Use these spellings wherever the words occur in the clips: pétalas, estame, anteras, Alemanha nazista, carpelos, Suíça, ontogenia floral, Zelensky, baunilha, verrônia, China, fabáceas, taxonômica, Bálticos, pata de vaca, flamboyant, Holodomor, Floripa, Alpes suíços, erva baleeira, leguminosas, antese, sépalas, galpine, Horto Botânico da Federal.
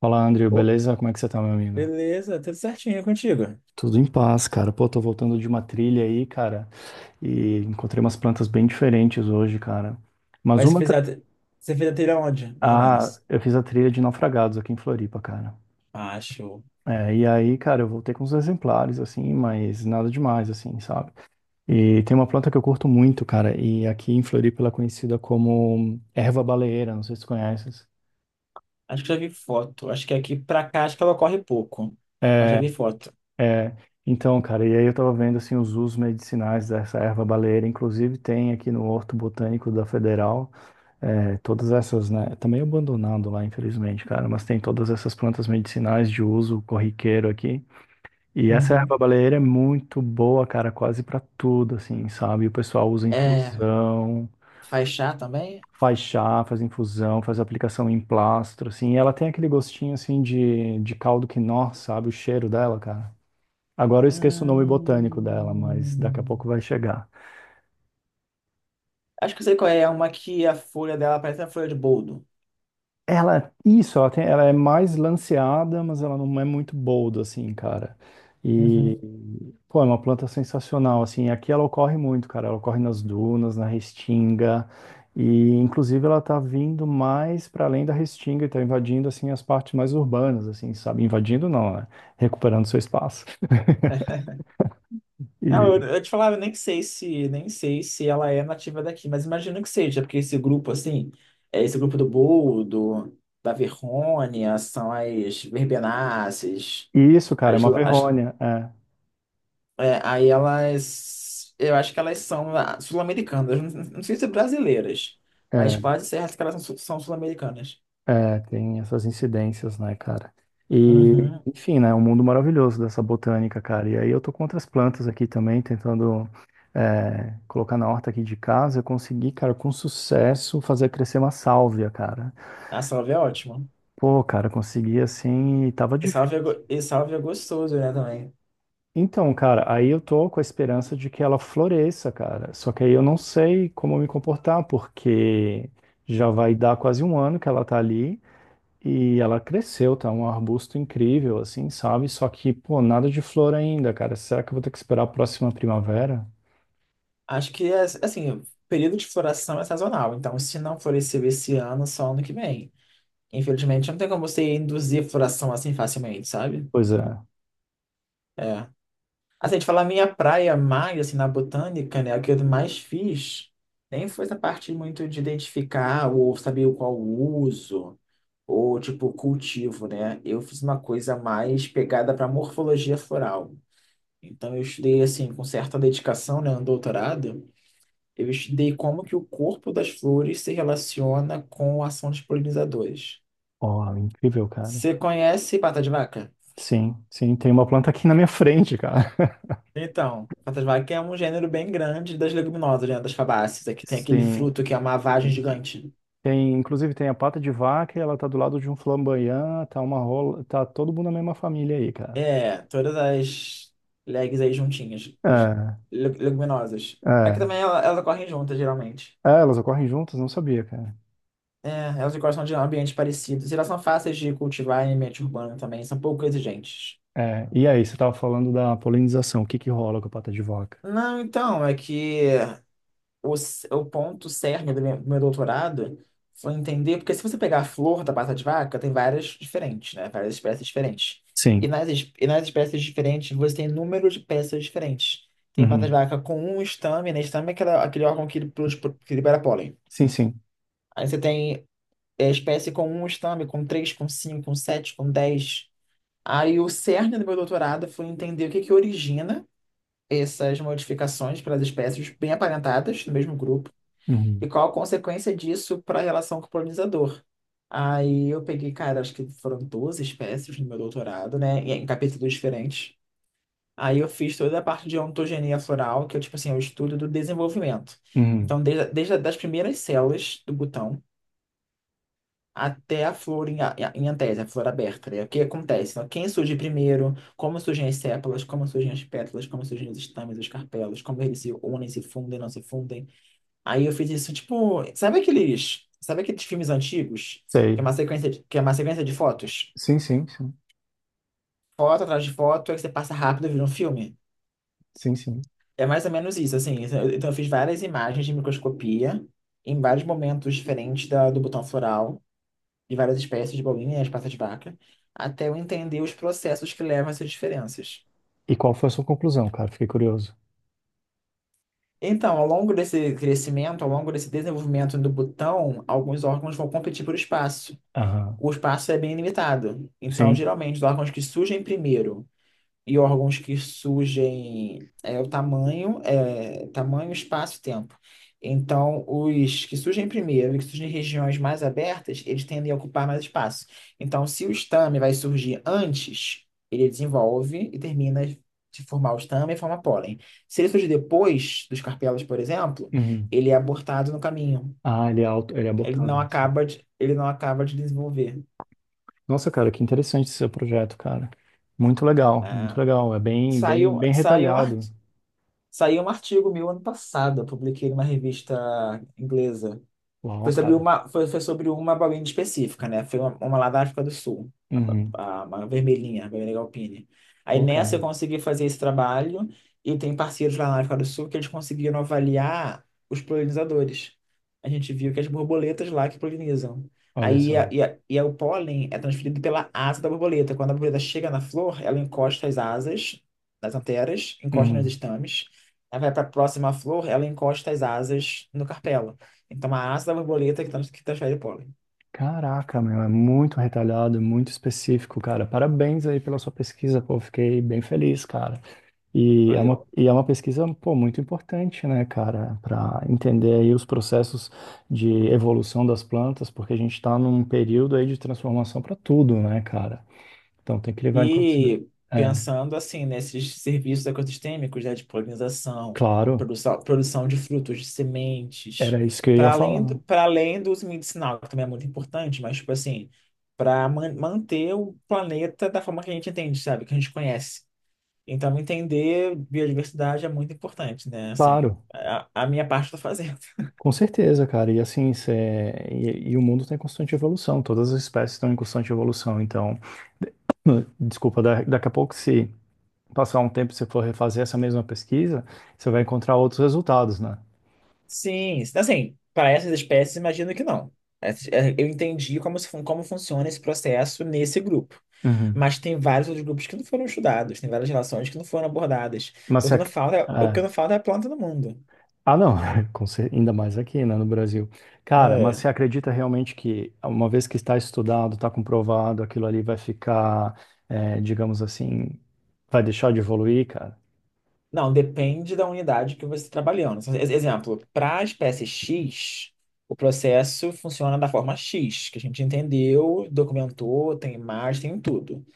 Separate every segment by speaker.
Speaker 1: Fala, Andrew,
Speaker 2: Ô,
Speaker 1: beleza? Como é que você tá, meu amigo?
Speaker 2: beleza, tudo certinho contigo.
Speaker 1: Tudo em paz, cara. Pô, tô voltando de uma trilha aí, cara, e encontrei umas plantas bem diferentes hoje, cara. Mas
Speaker 2: Mas você
Speaker 1: uma.
Speaker 2: fez você fez a trilha onde, mais ou
Speaker 1: Ah,
Speaker 2: menos?
Speaker 1: eu fiz a trilha de naufragados aqui em Floripa, cara.
Speaker 2: Acho.
Speaker 1: É, e aí, cara, eu voltei com uns exemplares, assim, mas nada demais, assim, sabe? E tem uma planta que eu curto muito, cara, e aqui em Floripa ela é conhecida como erva baleeira, não sei se tu conheces.
Speaker 2: Acho que já vi foto. Acho que aqui pra cá, acho que ela corre pouco. Mas já
Speaker 1: É,
Speaker 2: vi foto.
Speaker 1: é, então, cara, e aí eu tava vendo assim os usos medicinais dessa erva baleeira, inclusive tem aqui no Horto Botânico da Federal, todas essas, né? Tá meio abandonado lá, infelizmente, cara, mas tem todas essas plantas medicinais de uso corriqueiro aqui. E essa erva
Speaker 2: Uhum.
Speaker 1: baleeira é muito boa, cara, quase pra tudo, assim, sabe? O pessoal usa
Speaker 2: É,
Speaker 1: infusão,
Speaker 2: faixá também?
Speaker 1: faz chá, faz infusão, faz aplicação em plastro, assim, e ela tem aquele gostinho assim de caldo quinó, sabe? O cheiro dela, cara. Agora eu esqueço o nome botânico dela, mas daqui a pouco
Speaker 2: Hum.
Speaker 1: vai chegar.
Speaker 2: Acho que eu sei qual é. É uma que a folha dela parece a folha de boldo.
Speaker 1: Ela, isso, ela tem, ela é mais lanceada, mas ela não é muito boldo, assim, cara. E,
Speaker 2: Uhum.
Speaker 1: pô, é uma planta sensacional, assim. Aqui ela ocorre muito, cara. Ela ocorre nas dunas, na restinga. E, inclusive, ela tá vindo mais para além da restinga e tá invadindo, assim, as partes mais urbanas, assim, sabe? Invadindo não, né? Recuperando seu espaço.
Speaker 2: Ah, eu,
Speaker 1: E,
Speaker 2: eu te falava, eu nem sei se, nem sei se ela é nativa daqui, mas imagino que seja, porque esse grupo, assim, é esse grupo do boldo, da verrônia, são as verbenáceas,
Speaker 1: e isso, cara, é
Speaker 2: as,
Speaker 1: uma
Speaker 2: as-
Speaker 1: verrônia. É.
Speaker 2: é, aí elas, eu acho que elas são sul-americanas, não, não sei se brasileiras, mas
Speaker 1: É.
Speaker 2: quase certo que elas são, são sul-americanas.
Speaker 1: É, tem essas incidências, né, cara? E,
Speaker 2: Uhum.
Speaker 1: enfim, né, um mundo maravilhoso dessa botânica, cara. E aí eu tô com outras plantas aqui também, tentando colocar na horta aqui de casa. Eu consegui, cara, com sucesso, fazer crescer uma sálvia, cara.
Speaker 2: A salve é ótima.
Speaker 1: Pô, cara, consegui assim e tava
Speaker 2: E sálvia,
Speaker 1: difícil.
Speaker 2: e sálvia é gostoso, né, também.
Speaker 1: Então, cara, aí eu tô com a esperança de que ela floresça, cara. Só que aí eu não sei como me comportar, porque já vai dar quase um ano que ela tá ali. E ela cresceu, tá um arbusto incrível, assim, sabe? Só que, pô, nada de flor ainda, cara. Será que eu vou ter que esperar a próxima primavera?
Speaker 2: Acho que, é, assim, o período de floração é sazonal. Então, se não floresceu esse ano, só ano que vem. Infelizmente, não tem como você induzir floração assim facilmente, sabe?
Speaker 1: Pois é.
Speaker 2: É. Assim, de falar minha praia mais, assim, na botânica, né, o que eu mais fiz, nem foi essa parte muito de identificar ou saber o qual o uso, ou, tipo, cultivo, né? Eu fiz uma coisa mais pegada para morfologia floral. Então, eu estudei, assim, com certa dedicação, né, um doutorado. Eu estudei como que o corpo das flores se relaciona com a ação dos polinizadores.
Speaker 1: Ó, incrível, cara.
Speaker 2: Você conhece pata de vaca?
Speaker 1: Sim, sim, tem uma planta aqui na minha frente, cara.
Speaker 2: Então, pata de vaca é um gênero bem grande das leguminosas, né? Das fabáceas, é que tem aquele
Speaker 1: Sim,
Speaker 2: fruto que é uma vagem
Speaker 1: sim, sim.
Speaker 2: gigante.
Speaker 1: Tem, inclusive tem a pata de vaca, e ela tá do lado de um flamboyant, tá uma rola, tá todo mundo na mesma família aí, cara.
Speaker 2: É, todas as legs aí juntinhas, as
Speaker 1: É,
Speaker 2: leguminosas. Aqui
Speaker 1: é.
Speaker 2: também elas ocorrem juntas, geralmente.
Speaker 1: É, elas ocorrem juntas, não sabia, cara.
Speaker 2: É, elas gostam de ambientes parecidos. E elas são fáceis de cultivar em ambiente urbano também, são pouco exigentes.
Speaker 1: É, e aí, você tava falando da polinização, o que que rola com a pata de vaca?
Speaker 2: Não, então, é que o ponto cerne do meu doutorado foi entender, porque se você pegar a flor da pata de vaca, tem várias diferentes, né? Várias espécies diferentes. E
Speaker 1: Sim.
Speaker 2: e nas espécies diferentes, você tem número de peças diferentes. Tem pata de
Speaker 1: Uhum.
Speaker 2: vaca com um estame, né? Estame é aquela, aquele órgão que, que libera pólen.
Speaker 1: Sim, sim.
Speaker 2: Aí você tem espécie com um estame, com três, com cinco, com sete, com dez. Aí o cerne do meu doutorado foi entender o que que origina essas modificações para as espécies bem aparentadas no mesmo grupo
Speaker 1: Uhum.
Speaker 2: e qual a consequência disso para a relação com o polinizador? Aí eu peguei, cara, acho que foram 12 espécies no meu doutorado, né? Em capítulos diferentes. Aí eu fiz toda a parte de ontogenia floral, que é tipo assim, é o estudo do desenvolvimento.
Speaker 1: Uhum.
Speaker 2: Então, desde as primeiras células do botão até a flor em, em antese, a flor aberta, né? O que acontece? Então, quem surge primeiro, como surgem as sépalas, como surgem as pétalas, como surgem os estames, os carpelos, como eles se unem, se fundem, não se fundem. Aí eu fiz isso, tipo, sabe aqueles filmes antigos?
Speaker 1: Sei.
Speaker 2: Que é uma sequência de fotos?
Speaker 1: Sim, sim, sim.
Speaker 2: Foto atrás de foto, aí você passa rápido e vira um filme.
Speaker 1: Sim, sim.
Speaker 2: É mais ou menos isso, assim. Então eu fiz várias imagens de microscopia em vários momentos diferentes da, do botão floral, de várias espécies de bolinhas, passas de vaca, até eu entender os processos que levam a essas diferenças.
Speaker 1: E qual foi a sua conclusão, cara? Fiquei curioso.
Speaker 2: Então, ao longo desse crescimento, ao longo desse desenvolvimento do botão, alguns órgãos vão competir por espaço.
Speaker 1: Aham.
Speaker 2: O espaço é bem limitado. Então,
Speaker 1: Sim.
Speaker 2: geralmente, os órgãos que surgem primeiro e órgãos que surgem é o tamanho, tamanho, espaço e tempo. Então, os que surgem primeiro e que surgem em regiões mais abertas, eles tendem a ocupar mais espaço. Então, se o estame vai surgir antes, ele desenvolve e termina de formar o estame e forma pólen. Se ele surge depois dos carpelos, por exemplo,
Speaker 1: Uhum.
Speaker 2: ele é abortado no caminho.
Speaker 1: Ah, ele é auto, ele é
Speaker 2: Ele
Speaker 1: abortado.
Speaker 2: não acaba de, ele não acaba de desenvolver.
Speaker 1: Nossa, cara, que interessante esse seu projeto, cara. Muito legal, muito
Speaker 2: Ah,
Speaker 1: legal. É bem, bem,
Speaker 2: Saiu,
Speaker 1: bem
Speaker 2: saiu, um ar-
Speaker 1: retalhado.
Speaker 2: saiu um artigo meu ano passado, eu publiquei numa revista inglesa. Foi
Speaker 1: Uau,
Speaker 2: sobre
Speaker 1: cara.
Speaker 2: uma, foi sobre uma baunilha específica, né? Foi uma lá da África do Sul,
Speaker 1: Uhum.
Speaker 2: uma vermelhinha, a vermelha galpine. Aí
Speaker 1: Pô,
Speaker 2: nessa
Speaker 1: cara,
Speaker 2: eu consegui fazer esse trabalho e tem parceiros lá na África do Sul que eles conseguiram avaliar os polinizadores. A gente viu que as borboletas lá que polinizam.
Speaker 1: olha
Speaker 2: Aí a-
Speaker 1: só.
Speaker 2: e a- e a- o pólen é transferido pela asa da borboleta. Quando a borboleta chega na flor, ela encosta as asas nas anteras, encosta nos
Speaker 1: Uhum.
Speaker 2: estames. Aí vai para a próxima flor, ela encosta as asas no carpelo. Então, a asa da borboleta que, que transfere o pólen.
Speaker 1: Caraca, meu, é muito retalhado, muito específico, cara. Parabéns aí pela sua pesquisa, pô. Fiquei bem feliz, cara.
Speaker 2: Valeu.
Speaker 1: E é uma pesquisa, pô, muito importante, né, cara, para entender aí os processos de evolução das plantas, porque a gente está num período aí de transformação para tudo, né, cara? Então tem que levar em consideração.
Speaker 2: E
Speaker 1: É,
Speaker 2: pensando assim nesses serviços ecossistêmicos, né, de polinização,
Speaker 1: claro,
Speaker 2: produção de frutos, de sementes,
Speaker 1: era isso que eu ia
Speaker 2: para além,
Speaker 1: falar.
Speaker 2: para além do uso medicinal, que também é muito importante, mas tipo assim, para manter o planeta da forma que a gente entende, sabe, que a gente conhece. Então, entender biodiversidade é muito importante, né? Assim,
Speaker 1: Claro,
Speaker 2: a minha parte eu tô fazendo.
Speaker 1: com certeza, cara. E assim, e o mundo está em constante evolução, todas as espécies estão em constante evolução. Então, de- desculpa, daqui a pouco, se passar um tempo e você for refazer essa mesma pesquisa, você vai encontrar outros resultados, né?
Speaker 2: Sim, assim, para essas espécies, imagino que não. Eu entendi como, se fun- como funciona esse processo nesse grupo.
Speaker 1: Uhum.
Speaker 2: Mas tem vários outros grupos que não foram estudados, tem várias relações que não foram abordadas.
Speaker 1: Mas
Speaker 2: O
Speaker 1: se
Speaker 2: que não
Speaker 1: ac...
Speaker 2: falta, é, o que
Speaker 1: é.
Speaker 2: não falta é a planta no mundo.
Speaker 1: Ah, não, ainda mais aqui, né, no Brasil. Cara, mas
Speaker 2: É.
Speaker 1: você acredita realmente que, uma vez que está estudado, está comprovado, aquilo ali vai ficar, é, digamos assim, vai deixar de evoluir, cara?
Speaker 2: Não, depende da unidade que você está trabalhando. Então, exemplo, para a espécie X, o processo funciona da forma X, que a gente entendeu, documentou, tem imagem, tem tudo.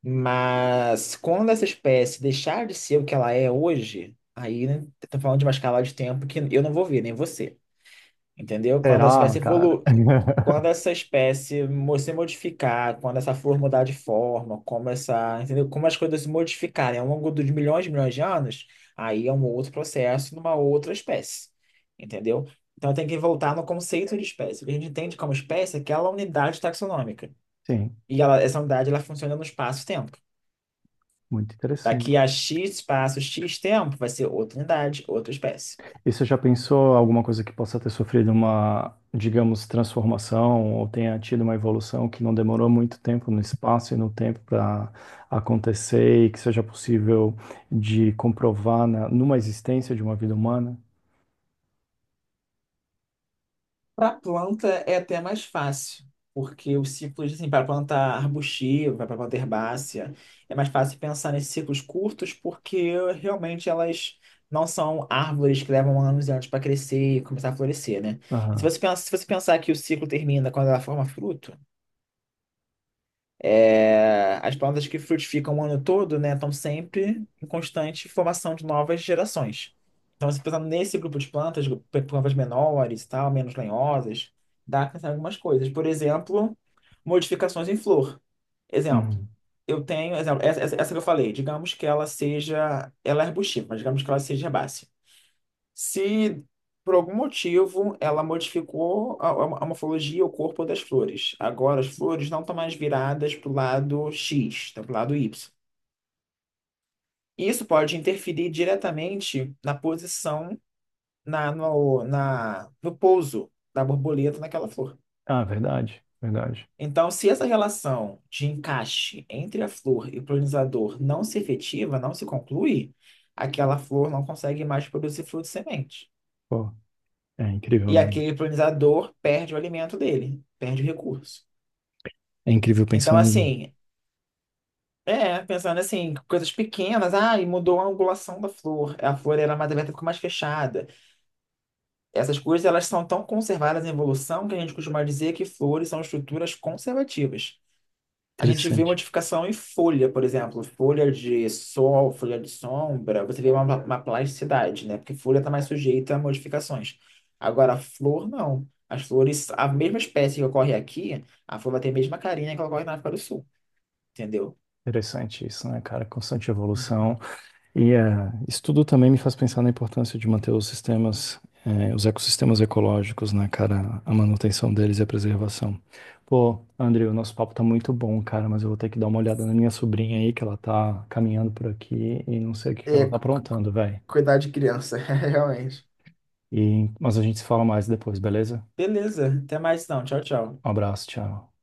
Speaker 2: Mas quando essa espécie deixar de ser o que ela é hoje, aí né, tô falando de uma escala de tempo que eu não vou ver, nem você. Entendeu? Quando a
Speaker 1: Será,
Speaker 2: espécie
Speaker 1: cara?
Speaker 2: evolu... quando essa espécie se modificar, quando essa flor mudar de forma, como essa, entendeu? Como as coisas se modificarem ao longo dos milhões e milhões de anos, aí é um outro processo numa outra espécie. Entendeu? Então tem que voltar no conceito de espécie. O que a gente entende como espécie é aquela unidade taxonômica.
Speaker 1: Sim,
Speaker 2: E ela, essa unidade ela funciona no espaço-tempo.
Speaker 1: muito
Speaker 2: Daqui
Speaker 1: interessante.
Speaker 2: a X espaço, X tempo, vai ser outra unidade, outra espécie.
Speaker 1: E você já pensou alguma coisa que possa ter sofrido uma, digamos, transformação ou tenha tido uma evolução que não demorou muito tempo no espaço e no tempo para acontecer e que seja possível de comprovar na, numa existência de uma vida humana?
Speaker 2: Para planta é até mais fácil, porque os ciclos, assim, para planta arbustiva, para planta herbácea, é mais fácil pensar nesses ciclos curtos, porque realmente elas não são árvores que levam anos e anos para crescer e começar a florescer, né? E
Speaker 1: Aham.
Speaker 2: se você pensar que o ciclo termina quando ela forma fruto, é, as plantas que frutificam o ano todo, né, estão sempre em constante formação de novas gerações. Então, se pensar nesse grupo de plantas, plantas menores, e tal, menos lenhosas, dá para pensar em algumas coisas. Por exemplo, modificações em flor. Exemplo,
Speaker 1: Uhum.
Speaker 2: essa, essa que eu falei, digamos que ela seja, ela é arbustiva, mas digamos que ela seja herbácea. Se por algum motivo ela modificou a, a morfologia, o corpo das flores. Agora as flores não estão mais viradas para o lado X, estão para o lado Y. Isso pode interferir diretamente na posição, no pouso da borboleta naquela flor.
Speaker 1: Ah, verdade, verdade.
Speaker 2: Então, se essa relação de encaixe entre a flor e o polinizador não se efetiva, não se conclui, aquela flor não consegue mais produzir fruto e semente.
Speaker 1: Pô, é incrível,
Speaker 2: E
Speaker 1: né?
Speaker 2: aquele polinizador perde o alimento dele, perde o recurso.
Speaker 1: É incrível
Speaker 2: Então,
Speaker 1: pensando.
Speaker 2: assim, pensando assim, coisas pequenas, ah, e mudou a angulação da flor, a flor era mais aberta, ficou mais fechada. Essas coisas, elas são tão conservadas em evolução que a gente costuma dizer que flores são estruturas conservativas. A gente vê
Speaker 1: Interessante.
Speaker 2: modificação em folha, por exemplo, folha de sol, folha de sombra, você vê uma plasticidade, né? Porque folha está mais sujeita a modificações. Agora, flor, não. As flores, a mesma espécie que ocorre aqui, a flor vai ter a mesma carinha que ocorre na África do Sul, entendeu?
Speaker 1: Interessante isso, né, cara? Constante evolução. E isso tudo também me faz pensar na importância de manter os sistemas, os ecossistemas ecológicos, né, cara? A manutenção deles e a preservação. Pô, André, o nosso papo tá muito bom, cara, mas eu vou ter que dar uma olhada na minha sobrinha aí, que ela tá caminhando por aqui e não sei o que que
Speaker 2: É,
Speaker 1: ela tá
Speaker 2: cu- cu-
Speaker 1: aprontando, velho.
Speaker 2: cuidar de criança, realmente.
Speaker 1: E, mas a gente se fala mais depois, beleza?
Speaker 2: Beleza, até mais então. Tchau, tchau.
Speaker 1: Um abraço, tchau.